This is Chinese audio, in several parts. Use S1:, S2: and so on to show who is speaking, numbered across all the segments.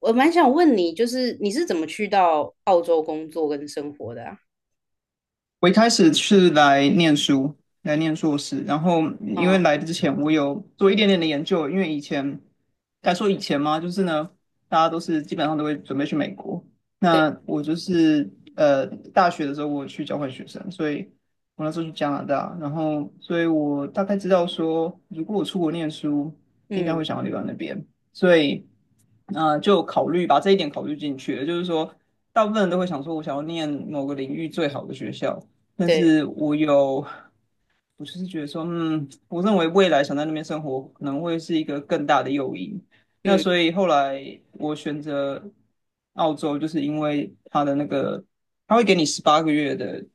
S1: 我蛮想问你，就是你是怎么去到澳洲工作跟生活的啊。
S2: 我一开始是来念书，来念硕士，然后因
S1: 嗯。
S2: 为来之前我有做一点点的研究，因为以前该说以前嘛，就是呢，大家基本上都会准备去美国，
S1: 对。
S2: 那我就是大学的时候我去交换学生，所以我那时候去加拿大，然后所以我大概知道说，如果我出国念书，应该会
S1: 嗯。
S2: 想要留在那边，所以就考虑把这一点考虑进去了，就是说。大部分人都会想说，我想要念某个领域最好的学校，但
S1: 对。
S2: 是我有，我就是觉得说，嗯，我认为未来想在那边生活可能会是一个更大的诱因。那
S1: 嗯。
S2: 所以后来我选择澳洲，就是因为它的那个，他会给你十八个月的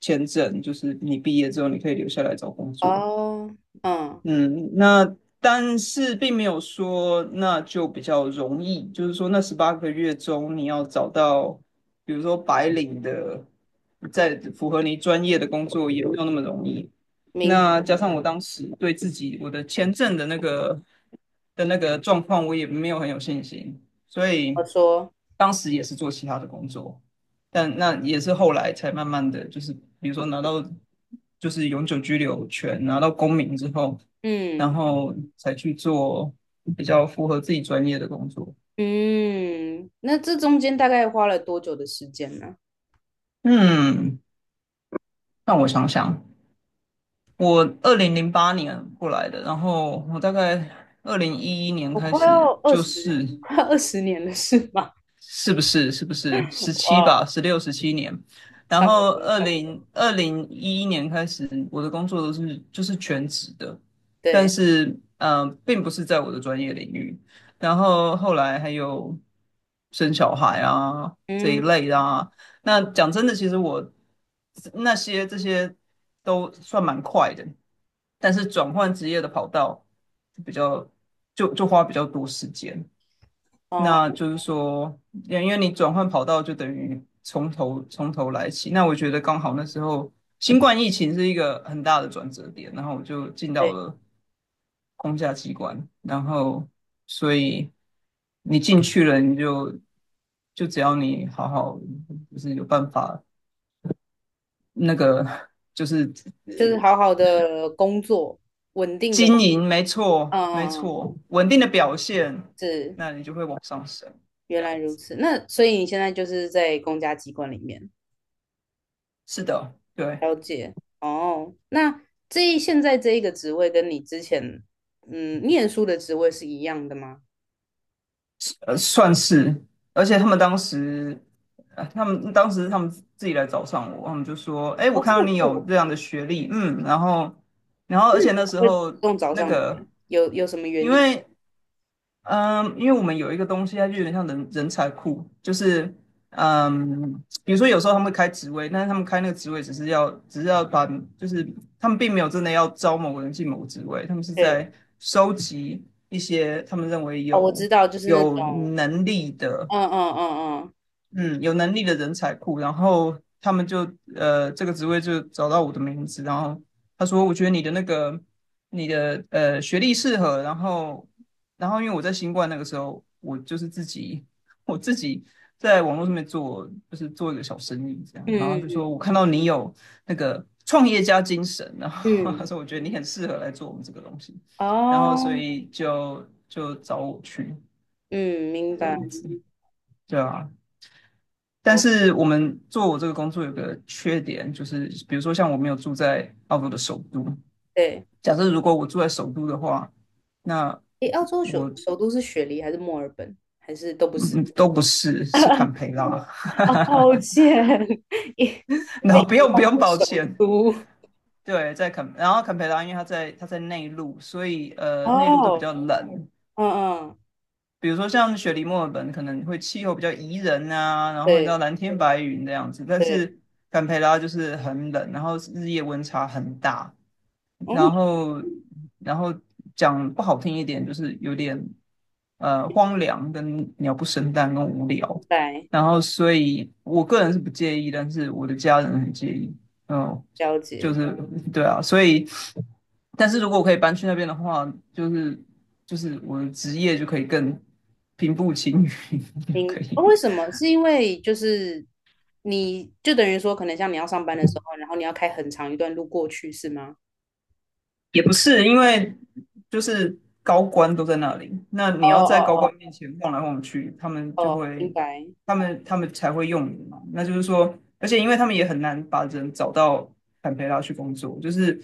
S2: 签证，就是你毕业之后你可以留下来找工作。
S1: 哦。嗯。
S2: 嗯，那但是并没有说那就比较容易，就是说那十八个月中你要找到，比如说白领的，在符合你专业的工作也没有那么容易。
S1: 明，
S2: 那加上我当时对自己我的签证的那个状况，我也没有很有信心，所
S1: 我
S2: 以
S1: 说。
S2: 当时也是做其他的工作，但那也是后来才慢慢的就是，比如说拿到就是永久居留权，拿到公民之后。然
S1: 嗯
S2: 后才去做比较符合自己专业的工作。
S1: 嗯。那这中间大概花了多久的时间呢？
S2: 嗯，让我想想，我2008年过来的，然后我大概二零一一年
S1: 我
S2: 开
S1: 快
S2: 始
S1: 要二十，快要二十年了，是吗？
S2: 是不是？十 七
S1: 哇
S2: 吧？
S1: 哦。
S2: 16、17年，然
S1: 差不
S2: 后
S1: 多，
S2: 二
S1: 差不
S2: 零
S1: 多。
S2: 二零一一年开始，我的工作都是就是全职的，但
S1: 对。
S2: 是并不是在我的专业领域。然后后来还有生小孩啊这一
S1: 嗯。
S2: 类的啊。那讲真的，其实我这些都算蛮快的，但是转换职业的跑道就比较就花比较多时间。
S1: 哦。
S2: 那就是说，因为你转换跑道就等于从头来起。那我觉得刚好那时候新冠疫情是一个很大的转折点，然后我就进到
S1: 对。
S2: 了公家机关，然后所以你进去了，你就只要你好好就是有办法那个就是呃
S1: 就是好好的工作，稳定的工。
S2: 经营，没错
S1: 嗯
S2: 没
S1: 嗯。嗯。
S2: 错，稳定的表现，
S1: 是。
S2: 那你就会往上升，
S1: 原
S2: 这样
S1: 来如
S2: 子。
S1: 此，那所以你现在就是在公家机关里面。
S2: 是的，对。
S1: 了解哦。那现在这一个职位跟你之前念书的职位是一样的吗？
S2: 呃，算是，而且他们当时，呃，他们当时他们自己来找上我，他们就说："哎，我
S1: 哦，这
S2: 看到
S1: 么
S2: 你有
S1: 酷。
S2: 这样的学历，嗯，然后，然后，
S1: 那
S2: 而且
S1: 什么
S2: 那时
S1: 会主
S2: 候
S1: 动找
S2: 那
S1: 上你啊？
S2: 个，
S1: 有什么
S2: 因
S1: 原因？
S2: 为，嗯，因为我们有一个东西，它就有点像人才库，就是，嗯，比如说有时候他们会开职位，但是他们开那个职位只是要把，就是他们并没有真的要招某个人进某个职位，他们是
S1: 对。
S2: 在收集一些他们认为
S1: 哦，我知道，就是那
S2: 有
S1: 种。
S2: 能力的。"
S1: 嗯嗯嗯嗯
S2: 嗯，有能力的人才库，然后他们就这个职位就找到我的名字，然后他说我觉得你的那个你的学历适合，然后然后因为我在新冠那个时候，我就是自己 我自己在网络上面做，就是做一个小生意这样，然后就说
S1: 嗯
S2: 我看到你有那个创业家精神，然后
S1: 嗯嗯。
S2: 他说我觉得你很适合来做我们这个东西，然后所
S1: 哦。
S2: 以就找我去
S1: 嗯。明
S2: 这
S1: 白。
S2: 样子，对啊，但
S1: 我
S2: 是我们做我这个工作有个缺点，就是比如说像我没有住在澳洲的首都，
S1: 对。
S2: 假设如果我住在首都的话，那
S1: 诶，澳洲
S2: 我
S1: 首都是雪梨还是墨尔本，还是都不是？
S2: 嗯都不是， 是坎培拉，
S1: 哦，抱歉。
S2: 然后不用抱
S1: 首
S2: 歉，
S1: 都
S2: 对，在坎，然后坎培拉因为它在内陆，所以内陆都比
S1: 哦。
S2: 较冷，
S1: 嗯嗯。
S2: 比如说像雪梨墨尔本可能会气候比较宜人啊，然后你知道
S1: 对
S2: 蓝天白云这样子，但
S1: 对。
S2: 是坎培拉就是很冷，然后日夜温差很大。
S1: 嗯。
S2: 然后然后讲不好听一点，就是有点荒凉跟鸟不生蛋跟无聊。
S1: 明白。
S2: 然后所以我个人是不介意，但是我的家人很介意。嗯，
S1: 了
S2: 就
S1: 解。
S2: 是对啊，所以但是如果我可以搬去那边的话，就是就是我的职业就可以更平步青云，就可
S1: 哦，
S2: 以。
S1: 为什么？是因为就是你就等于说，可能像你要上班的时候，然后你要开很长一段路过去，是吗？
S2: 也不是，因为就是高官都在那里，那
S1: 哦
S2: 你要在高官
S1: 哦。
S2: 面前晃来晃去，他们
S1: 哦
S2: 就
S1: 哦。明
S2: 会，
S1: 白。
S2: 他们才会用你嘛。那就是说，而且因为他们也很难把人找到坎培拉去工作，就是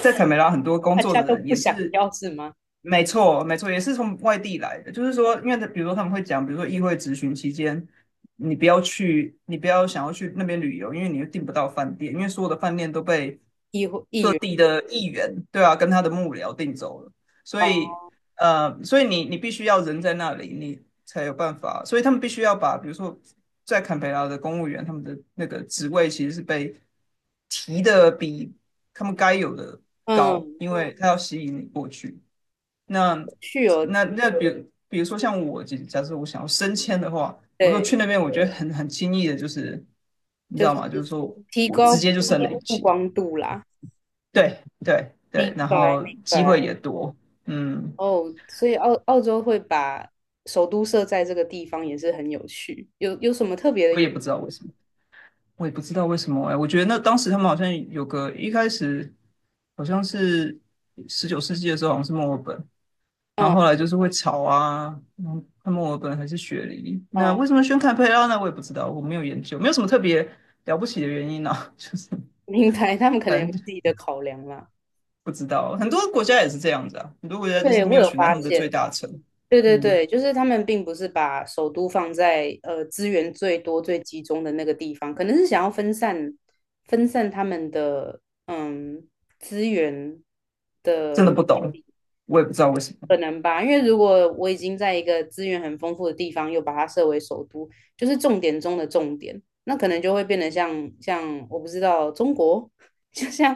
S2: 在坎培拉很多工
S1: 大
S2: 作
S1: 家
S2: 的
S1: 都
S2: 人
S1: 不
S2: 也
S1: 想
S2: 是，
S1: 要是吗？
S2: 没错没错，也是从外地来的。就是说，因为他比如说他们会讲，比如说议会质询期间。你不要去，你不要想要去那边旅游，因为你又订不到饭店，因为所有的饭店都被
S1: 议会议
S2: 各
S1: 员。
S2: 地的议员，对啊，跟他的幕僚定走了，所以，
S1: 哦。
S2: 所以你你必须要人在那里，你才有办法，所以他们必须要把，比如说在坎培拉的公务员，他们的那个职位其实是被提的比他们该有的高，
S1: 嗯。
S2: 因为他要吸引你过去。那
S1: 去哦。
S2: 那比如说像我，假设我想要升迁的话，我说去
S1: 对，
S2: 那边，我觉得很轻易的，就是你知
S1: 就
S2: 道
S1: 是
S2: 吗？就是说
S1: 提
S2: 我
S1: 高
S2: 直
S1: 自
S2: 接就升
S1: 己
S2: 了一
S1: 的曝
S2: 级。
S1: 光度啦。
S2: 对对对，
S1: 明
S2: 然
S1: 白
S2: 后
S1: 明
S2: 机会
S1: 白。
S2: 也多，嗯，
S1: 哦，所以澳洲会把首都设在这个地方也是很有趣。有什么特别的
S2: 我也不知道为什么，我也不知道为什么哎，我觉得那当时他们好像有个一开始好像是19世纪的时候，好像是墨尔本，然
S1: 嗯
S2: 后后来就是会吵啊，嗯，看墨尔本还是雪梨，那
S1: 嗯。
S2: 为什么选堪培拉呢？我也不知道，我没有研究，没有什么特别了不起的原因啊，就是
S1: 明白，他们可能有
S2: 反
S1: 自
S2: 正
S1: 己的考量啦。
S2: 不知道，很多国家也是这样子啊，很多国家就是
S1: 对，
S2: 没
S1: 我
S2: 有
S1: 有
S2: 选在他
S1: 发
S2: 们的
S1: 现。
S2: 最大城，
S1: 对对
S2: 嗯，
S1: 对，就是他们并不是把首都放在资源最多、最集中的那个地方，可能是想要分散他们的资源
S2: 真的
S1: 的。
S2: 不懂，我也不知道为什么，
S1: 可能吧，因为如果我已经在一个资源很丰富的地方，又把它设为首都，就是重点中的重点，那可能就会变得像我不知道中国。就像。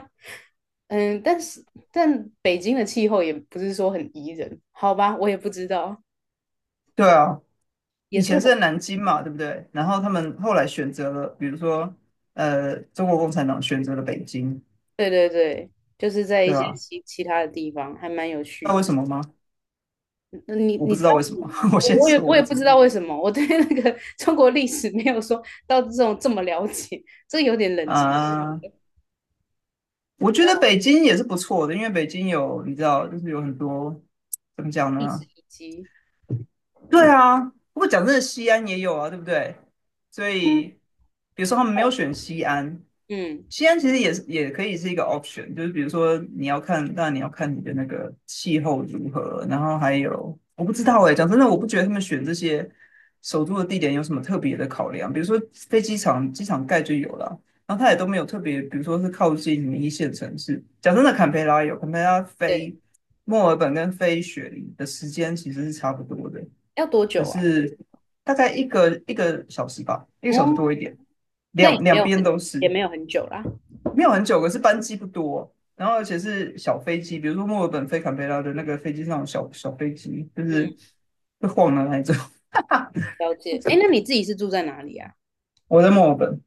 S1: 嗯。但是北京的气候也不是说很宜人，好吧，我也不知道。
S2: 对啊。
S1: 也
S2: 以
S1: 是
S2: 前
S1: 很。
S2: 是在南京嘛，对不对？然后他们后来选择了，比如说，呃，中国共产党选择了北京，
S1: 对对对，就是在一
S2: 对
S1: 些
S2: 吧？
S1: 其他的地方还蛮有
S2: 知
S1: 趣
S2: 道
S1: 的。
S2: 为什么吗？
S1: 嗯，
S2: 我不
S1: 你知
S2: 知道
S1: 道
S2: 为
S1: 为
S2: 什
S1: 什
S2: 么，
S1: 么吗？
S2: 我先
S1: 我也
S2: 说我不
S1: 也不
S2: 知
S1: 知
S2: 道
S1: 道为什么。我对那个 中国历史没有说到这种这么了解。这有点冷知识。
S2: 啊。我觉得北京也是不错的，因为北京有你知道，就是有很多怎么讲
S1: 一直
S2: 呢？
S1: 以及。
S2: 对啊，不过讲真的，西安也有啊，对不对？所以，
S1: 嗯。
S2: 比如说他们没有
S1: 哦。
S2: 选西安，
S1: 嗯。
S2: 西安其实也可以是一个 option,就是比如说你要看，当然你要看你的那个气候如何，然后还有我不知道哎、讲真的，我不觉得他们选这些首都的地点有什么特别的考量，比如说飞机场，机场盖就有了，然后它也都没有特别，比如说是靠近一线城市。讲真的，坎培拉有，坎培拉
S1: 对。
S2: 飞墨尔本跟飞雪梨的时间其实是差不多的。
S1: 要多
S2: 可
S1: 久啊？
S2: 是大概一个小时吧，一个小时多
S1: 嗯。
S2: 一点，
S1: 那也
S2: 两
S1: 没
S2: 两
S1: 有
S2: 边
S1: 很
S2: 都
S1: 也
S2: 是，
S1: 没有很久啦。
S2: 没有很久，可是班机不多，然后而且是小飞机，比如说墨尔本飞坎培拉的那个飞机上有小飞机，就
S1: 嗯。
S2: 是会晃的那一种。
S1: 了解。哎，那你自己是住在哪里啊？
S2: 我在墨尔本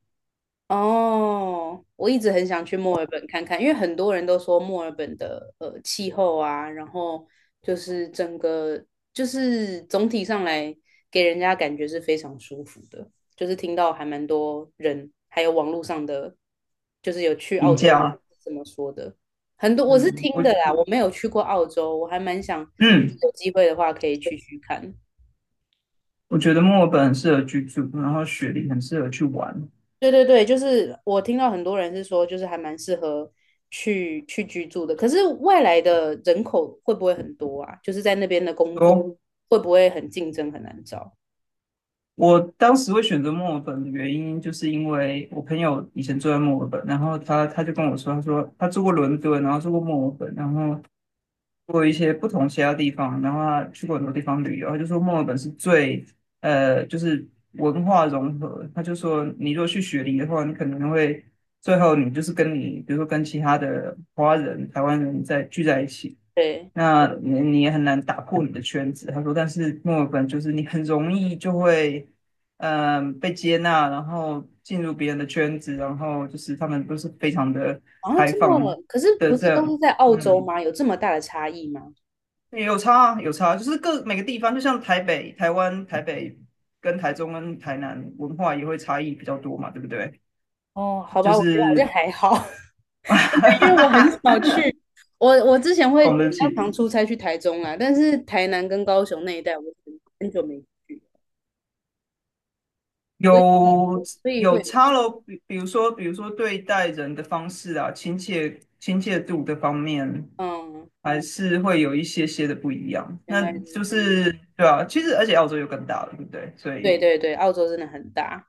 S1: 哦，我一直很想去墨尔本看看，因为很多人都说墨尔本的气候啊，然后就是整个就是总体上来给人家感觉是非常舒服的。就是听到还蛮多人，还有网络上的，就是有去
S2: 廉
S1: 澳洲的
S2: 家？
S1: 这么说的。很多我是
S2: 嗯，
S1: 听
S2: 我
S1: 的啦，我没有去过澳洲，我还蛮想
S2: 嗯，
S1: 有机会的话可以去看。
S2: 我觉得墨尔本很适合居住，然后雪梨很适合去玩。
S1: 对对对，就是我听到很多人是说，就是还蛮适合去居住的。可是外来的人口会不会很多啊？就是在那边的工作
S2: 哦，
S1: 会不会很竞争，很难找？
S2: 我当时会选择墨尔本的原因，就是因为我朋友以前住在墨尔本，然后他就跟我说，他说他住过伦敦，然后住过墨尔本，然后住过一些不同其他地方，然后他去过很多地方旅游，他就说墨尔本是最就是文化融合，他就说你如果去雪梨的话，你可能会最后你就是跟你比如说跟其他的华人、台湾人在聚在一起。
S1: 对。
S2: 那你也很难打破你的圈子。他说，但是墨尔本就是你很容易就会，被接纳，然后进入别人的圈子，然后就是他们都是非常的
S1: 然后
S2: 开
S1: 这
S2: 放
S1: 么，可是
S2: 的
S1: 不
S2: 这
S1: 是都
S2: 样，
S1: 是在澳洲
S2: 嗯，
S1: 吗？有这么大的差异吗？
S2: 也有差啊，有差，就是各每个地方，就像台北、台湾、台北跟台中跟台南文化也会差异比较多嘛，对不对？
S1: 哦，好
S2: 就
S1: 吧，我觉得好像
S2: 是
S1: 还好。对因为 我很少去。我之前会
S2: 我
S1: 比
S2: 们的
S1: 较
S2: 起。
S1: 常出差去台中啊，但是台南跟高雄那一带我很久没去。所以
S2: 有有
S1: 会。
S2: 差咯，比如说，比如说对待人的方式啊，亲切度的方面，
S1: 嗯。
S2: 还是会有一些些的不一样。
S1: 原
S2: 那
S1: 来
S2: 就是对啊，其实而且澳洲又更大了，对不对？所
S1: 对
S2: 以
S1: 对对，澳洲真的很大。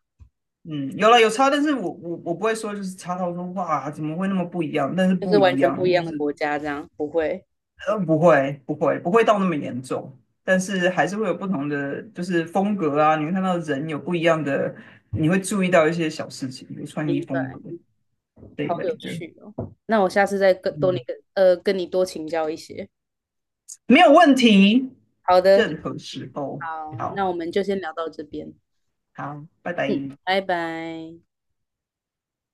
S2: 嗯，有差，但是我不会说就是差到说哇怎么会那么不一样，但是
S1: 就是
S2: 不一
S1: 完全
S2: 样
S1: 不一
S2: 就
S1: 样的
S2: 是
S1: 国家，这样不会。
S2: 不会不会不会到那么严重。但是还是会有不同的，就是风格啊，你会看到人有不一样的，你会注意到一些小事情，比如穿衣
S1: 明
S2: 风
S1: 白。
S2: 格。这一
S1: 好
S2: 类
S1: 有
S2: 的，
S1: 趣哦。那我下次再
S2: 嗯，
S1: 跟你多请教一些。
S2: 没有问题，
S1: 好的。
S2: 任何时候，
S1: 好，
S2: 好
S1: 那我们就先聊到这边。
S2: 好，拜
S1: 嗯，
S2: 拜。
S1: 拜拜。